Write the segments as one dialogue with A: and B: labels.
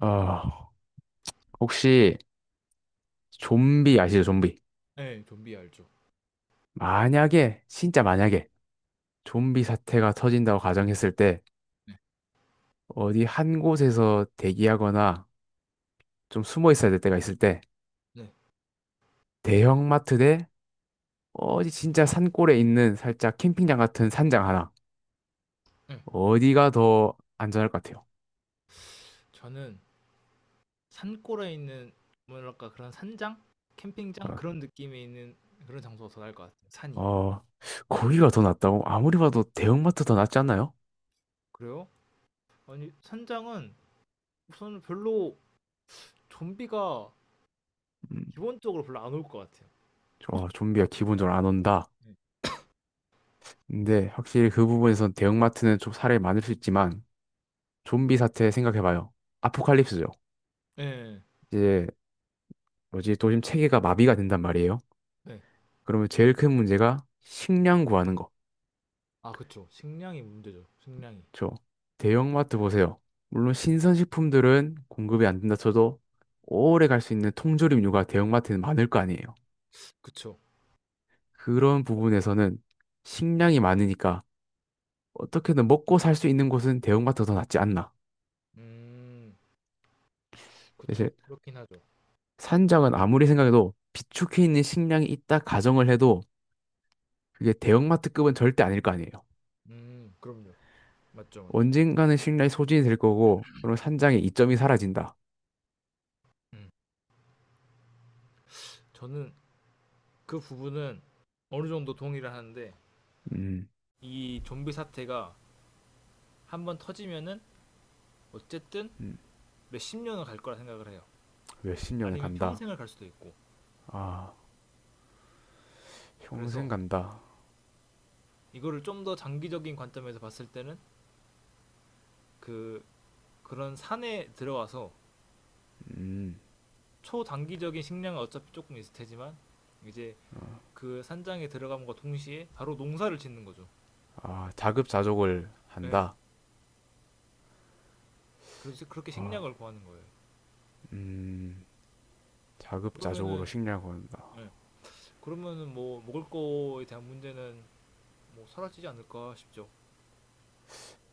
A: 어, 혹시 좀비 아시죠? 좀비.
B: 네. 좀비 알죠.
A: 만약에, 진짜 만약에 좀비 사태가 터진다고 가정했을 때
B: 네.
A: 어디 한 곳에서 대기하거나 좀 숨어 있어야 될 때가 있을 때
B: 네.
A: 대형마트 대 어디 진짜 산골에 있는 살짝 캠핑장 같은 산장 하나.
B: 네.
A: 어디가 더 안전할 것 같아요?
B: 저는 산골에 있는 뭐랄까 그런 산장? 캠핑장? 그런 느낌이 있는 그런 장소가 더 나을 것 같아요. 산이.
A: 어, 어, 거기가 더 낫다고? 아무리 봐도 대형마트 더 낫지 않나요?
B: 그래요? 아니 산장은 우선 별로 좀비가
A: 음,
B: 기본적으로 별로 안 올 것 같아요.
A: 어, 좀비가 기본적으로 안 온다.
B: 네,
A: 근데 확실히 그 부분에선 대형마트는 좀 사례 많을 수 있지만 좀비 사태 생각해봐요. 아포칼립스죠. 이제 뭐지 도심 체계가 마비가 된단 말이에요.
B: 네. 네.
A: 그러면 제일 큰 문제가 식량 구하는 거.
B: 아 그쵸. 식량이 문제죠. 식량이.
A: 저 대형마트 보세요. 물론 신선식품들은 공급이 안 된다 쳐도 오래 갈 수 있는 통조림류가 대형마트에는 많을 거 아니에요.
B: 그쵸.
A: 그런 부분에서는 식량이 많으니까 어떻게든 먹고 살 수 있는 곳은 대형마트가 더 낫지 않나.
B: 음. 그쵸.
A: 사실
B: 그렇긴 하죠.
A: 산장은 아무리 생각해도 비축해 있는 식량이 있다 가정을 해도 그게 대형마트급은 절대 아닐 거 아니에요.
B: 음. 그럼요. 맞죠, 맞죠.
A: 언젠가는 신뢰의 소진이 될 거고, 그럼 산장의 이점이 사라진다.
B: 음. 저는 그 부분은 어느 정도 동의를 하는데
A: 음,
B: 이 좀비 사태가 한번 터지면은 어쨌든 몇 십 년은 갈 거라 생각을 해요.
A: 몇 십 년을
B: 아니면
A: 간다.
B: 평생을 갈 수도 있고.
A: 아, 평생
B: 그래서
A: 간다.
B: 이거를 좀 더 장기적인 관점에서 봤을 때는 그 그런 산에 들어가서 초단기적인 식량은 어차피 조금 있을 테지만 이제 그 산장에 들어감과 동시에 바로 농사를 짓는 거죠.
A: 아, 자급자족을
B: 네.
A: 한다.
B: 그래서 그렇게 식량을 구하는 거예요.
A: 자급자족으로
B: 그러면은
A: 식량을 를한다
B: 네. 그러면은 뭐 먹을 거에 대한 문제는 뭐 사라지지 않을까 싶죠.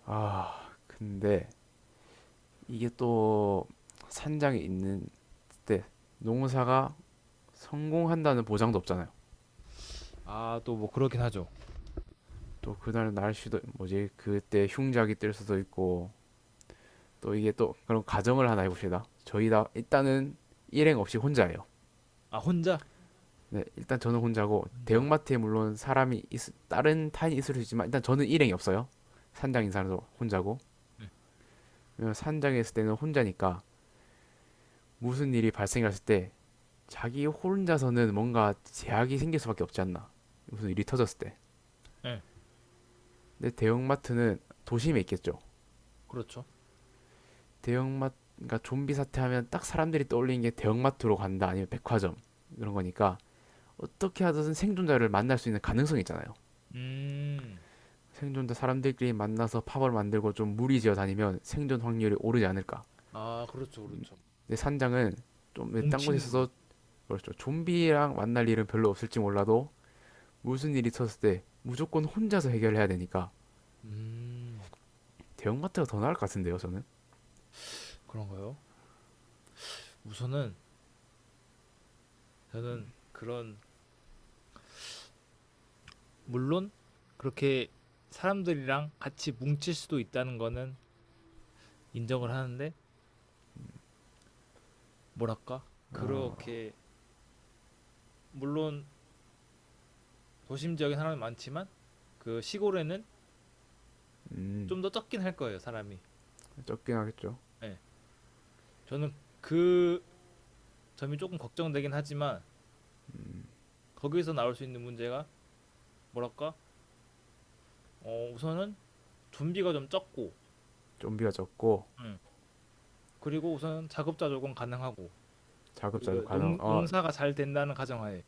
A: 아, 근데 이게 또 산장에 있는 때 농사가 성공한다는 보장도 없잖아요.
B: 아 또 뭐 그렇긴 하죠.
A: 또 그날 날씨도 뭐지? 그때 흉작이 뜰 수도 있고, 또 이게 또 그런 가정을 하나 해봅시다. 저희 다 일단은 일행 없이 혼자예요.
B: 아 혼자
A: 네, 일단 저는 혼자고
B: 혼자.
A: 대형마트에 물론 다른 타인이 있을 수 있지만 일단 저는 일행이 없어요. 산장
B: 네.
A: 인사도 혼자고.
B: 네.
A: 왜냐면 산장에 있을 때는 혼자니까 무슨 일이 발생했을 때 자기 혼자서는 뭔가 제약이 생길 수밖에 없지 않나. 무슨 일이 터졌을 때.
B: 네.
A: 근데 대형마트는 도심에 있겠죠.
B: 그렇죠.
A: 대형마트 그러니까 좀비 사태 하면 딱 사람들이 떠올리는 게 대형마트로 간다 아니면 백화점 이런 거니까 어떻게 하든 생존자를 만날 수 있는 가능성이 있잖아요.
B: 음.
A: 생존자 사람들끼리 만나서 팝을 만들고 좀 무리지어 다니면 생존 확률이 오르지 않을까.
B: 아 그렇죠, 그렇죠.
A: 근데 산장은 좀 딴 곳에
B: 뭉치는 거.
A: 있어서 뭐랬죠? 좀비랑 만날 일은 별로 없을지 몰라도 무슨 일이 있었을 때 무조건 혼자서 해결해야 되니까
B: 음,
A: 대형마트가 더 나을 것 같은데요, 저는.
B: 그런가요? 우선은 저는 그런 물론 그렇게 사람들이랑 같이 뭉칠 수도 있다는 거는 인정을 하는데 뭐랄까? 그렇게 물론 도심 지역에 사람이 많지만 그 시골에는
A: 음,
B: 좀 더 적긴 할 거예요, 사람이.
A: 적긴 하겠죠.
B: 예. 저는 그 점이 조금 걱정되긴 하지만 거기서 나올 수 있는 문제가 뭐랄까? 어, 우선은 좀비가 좀 적고
A: 좀비가 적고
B: 예. 그리고 우선 작업자 조건 가능하고
A: 자급자족
B: 그
A: 가능.
B: 농 농사가 잘 된다는 가정하에.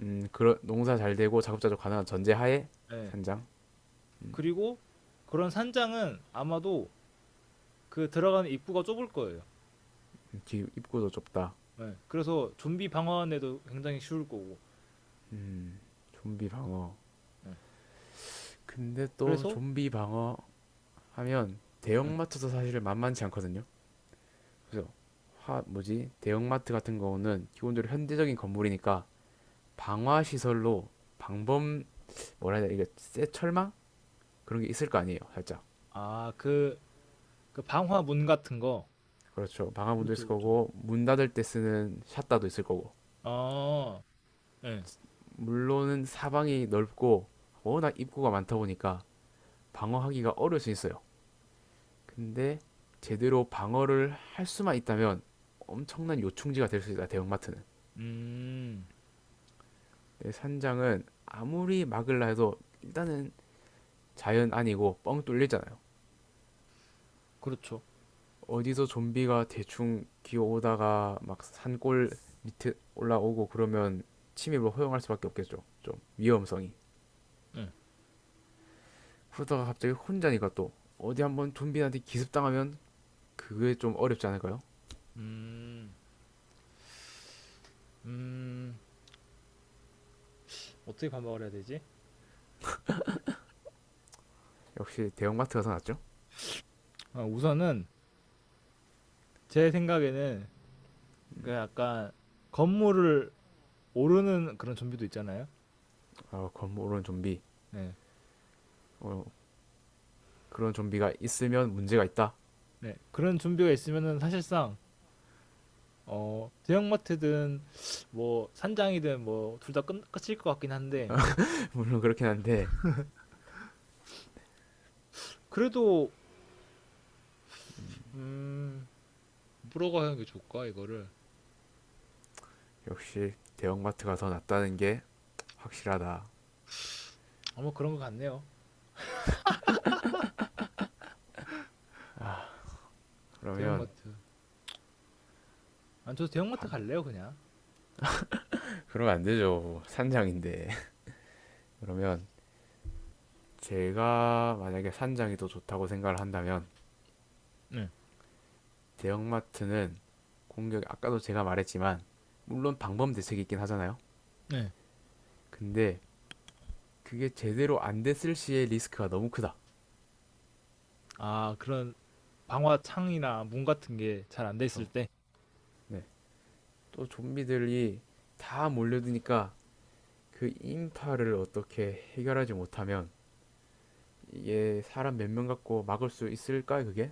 A: 그런 농사 잘 되고 자급자족 가능한 전제하에
B: 예.
A: 산장.
B: 그리고 그런 산장은 아마도 그 들어가는 입구가 좁을 거예요.
A: 음, 입구도 좁다.
B: 예. 그래서 좀비 방어하는데도 굉장히 쉬울 거고.
A: 좀비 방어.
B: 예. 네.
A: 근데 또
B: 그래서
A: 좀비 방어 하면
B: 예.
A: 대형마트도 사실 만만치 않거든요. 그래서 하, 뭐지 대형마트 같은 경우는 기본적으로 현대적인 건물이니까 방화 시설로 방범 뭐라 해야 되나 이게 쇠 철망 그런 게 있을 거 아니에요, 살짝.
B: 아 그 그 방화문 같은 거.
A: 그렇죠. 방화문도
B: 그렇죠,
A: 있을
B: 그렇죠.
A: 거고 문 닫을 때 쓰는 샷다도 있을 거고.
B: 아 예.
A: 물론은 사방이 넓고 워낙 입구가 많다 보니까 방어하기가 어려울 수 있어요. 근데 제대로 방어를 할 수만 있다면 엄청난 요충지가 될 수 있다, 대형마트는.
B: 음.
A: 네, 산장은 아무리 막으려 해도 일단은 자연 아니고 뻥 뚫리잖아요.
B: 그렇죠.
A: 어디서 좀비가 대충 기어오다가 막 산골 밑에 올라오고 그러면 침입을 허용할 수밖에 없겠죠. 좀 위험성이.
B: 예.
A: 그러다가 갑자기 혼자니까 또 어디 한번 좀비한테 기습당하면 그게 좀 어렵지 않을까요?
B: 음. 음. 어떻게 반박을 해야 되지?
A: 역시 대형마트가 더 낫죠.
B: 아 우선은 제 생각에는 그 약간 건물을 오르는 그런 좀비도 있잖아요.
A: 아, 건물은 좀비.
B: 네.
A: 어, 그런 좀비가 있으면 문제가 있다.
B: 네. 그런 좀비가 있으면은 사실상 어, 대형마트든 뭐 산장이든 뭐 둘 다 끝일 것 같긴 한데
A: 물론 그렇긴 한데
B: 그래도 음, 물어가 하는 게 좋을까 이거를
A: 역시 대형마트가 더 낫다는 게 확실하다.
B: 아마 뭐 그런 것 같네요.
A: 그러면
B: 대형마트. 안 저도 대형마트
A: 반.
B: 갈래요 그냥.
A: 그러면 안 되죠. 산장인데. 그러면 제가 만약에 산장이 더 좋다고 생각을 한다면
B: 네.
A: 대형마트는 공격 아까도 제가 말했지만 물론 방법 대책이 있긴 하잖아요.
B: 네.
A: 근데 그게 제대로 안 됐을 시에 리스크가 너무 크다.
B: 아 그런 방화 창이나 문 같은 게 잘 안 돼 있을
A: 그렇죠.
B: 때.
A: 네. 또 좀비들이 다 몰려드니까 그 인파를 어떻게 해결하지 못하면 이게 사람 몇 명 갖고 막을 수 있을까 그게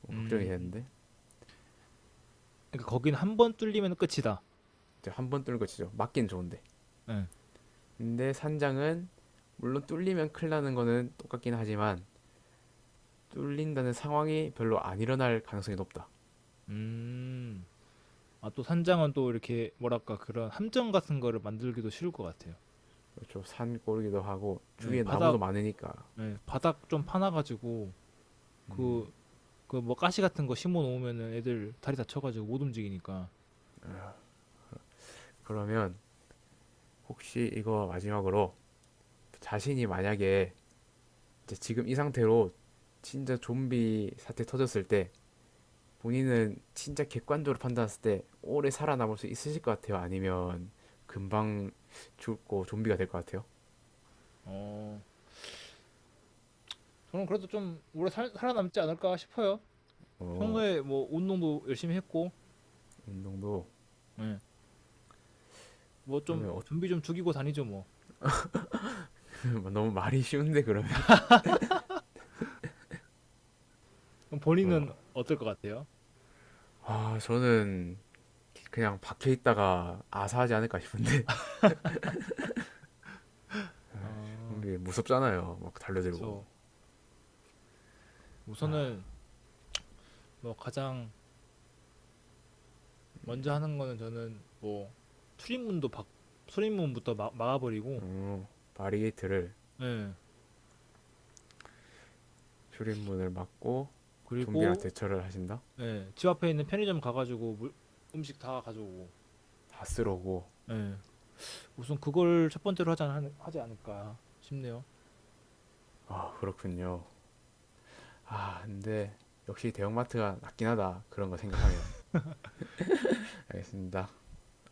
A: 뭐 걱정이
B: 음.
A: 되는데
B: 그러니까 거긴 한번 뚫리면 끝이다.
A: 한 번 뚫는 거 치죠. 막긴 좋은데.
B: 네.
A: 근데 산장은 물론 뚫리면 큰일 나는 거는 똑같긴 하지만 뚫린다는 상황이 별로 안 일어날 가능성이 높다.
B: 음. 아, 또 산장은 또 이렇게 뭐랄까 그런 함정 같은 거를 만들기도 쉬울 것 같아요.
A: 그렇죠. 산골이기도 하고
B: 예,
A: 주위에 나무도
B: 바닥
A: 많으니까.
B: 예, 바닥 좀 파놔 가지고 그 그 뭐 가시 같은 거 심어 놓으면은 애들 다리 다쳐 가지고 못 움직이니까.
A: 그러면 혹시 이거 마지막으로 자신이 만약에 이제 지금 이 상태로 진짜 좀비 사태 터졌을 때 본인은 진짜 객관적으로 판단했을 때 오래 살아남을 수 있으실 것 같아요? 아니면 금방 죽고 좀비가 될 것 같아요?
B: 어. 저는 그래도 좀 오래 살아남지 않을까 싶어요.
A: 어,
B: 평소에 뭐 운동도 열심히 했고.
A: 운동도
B: 예. 뭐좀
A: 그러면
B: 좀비 좀 죽이고 다니죠, 뭐.
A: 너무 말이 쉬운데 그러면
B: 그럼
A: 어.
B: 본인은 어떨 것 같아요?
A: 아 저는 그냥 밖에 있다가 아사하지 않을까 싶은데
B: 아,
A: 좀비 무섭잖아요 막 달려들고
B: 그쵸. 우선은 뭐 가장 먼저 하는 거는 저는 뭐 출입문도 박 출입문부터 막아버리고
A: 어, 바리게이트를
B: 예
A: 출입문을 막고 좀비랑
B: 그리고
A: 대처를 하신다?
B: 예집 앞에 있는 편의점 가가지고 물, 음식 다 가져오고
A: 다 쓰러고
B: 예 우선 그걸 첫 번째로 하지 않을까 싶네요.
A: 아 그렇군요 아 근데 역시 대형마트가 낫긴 하다 그런 거 생각하면 알겠습니다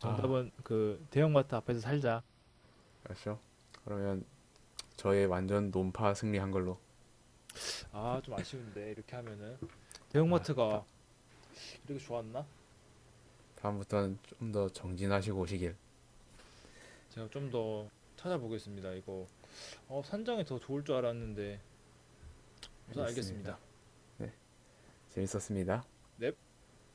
A: 아
B: 그 대형마트 앞에서 살자.
A: 알았죠 그러면 저의 완전 논파 승리한 걸로
B: 아 좀 아쉬운데 이렇게 하면은
A: 아, 다,
B: 대형마트가 이렇게 좋았나.
A: 다음부터는 좀 더 정진하시고 오시길
B: 제가 좀 더 찾아보겠습니다 이거. 어 산장이 더 좋을 줄 알았는데 우선
A: 알겠습니다
B: 알겠습니다.
A: 재밌었습니다
B: 넵.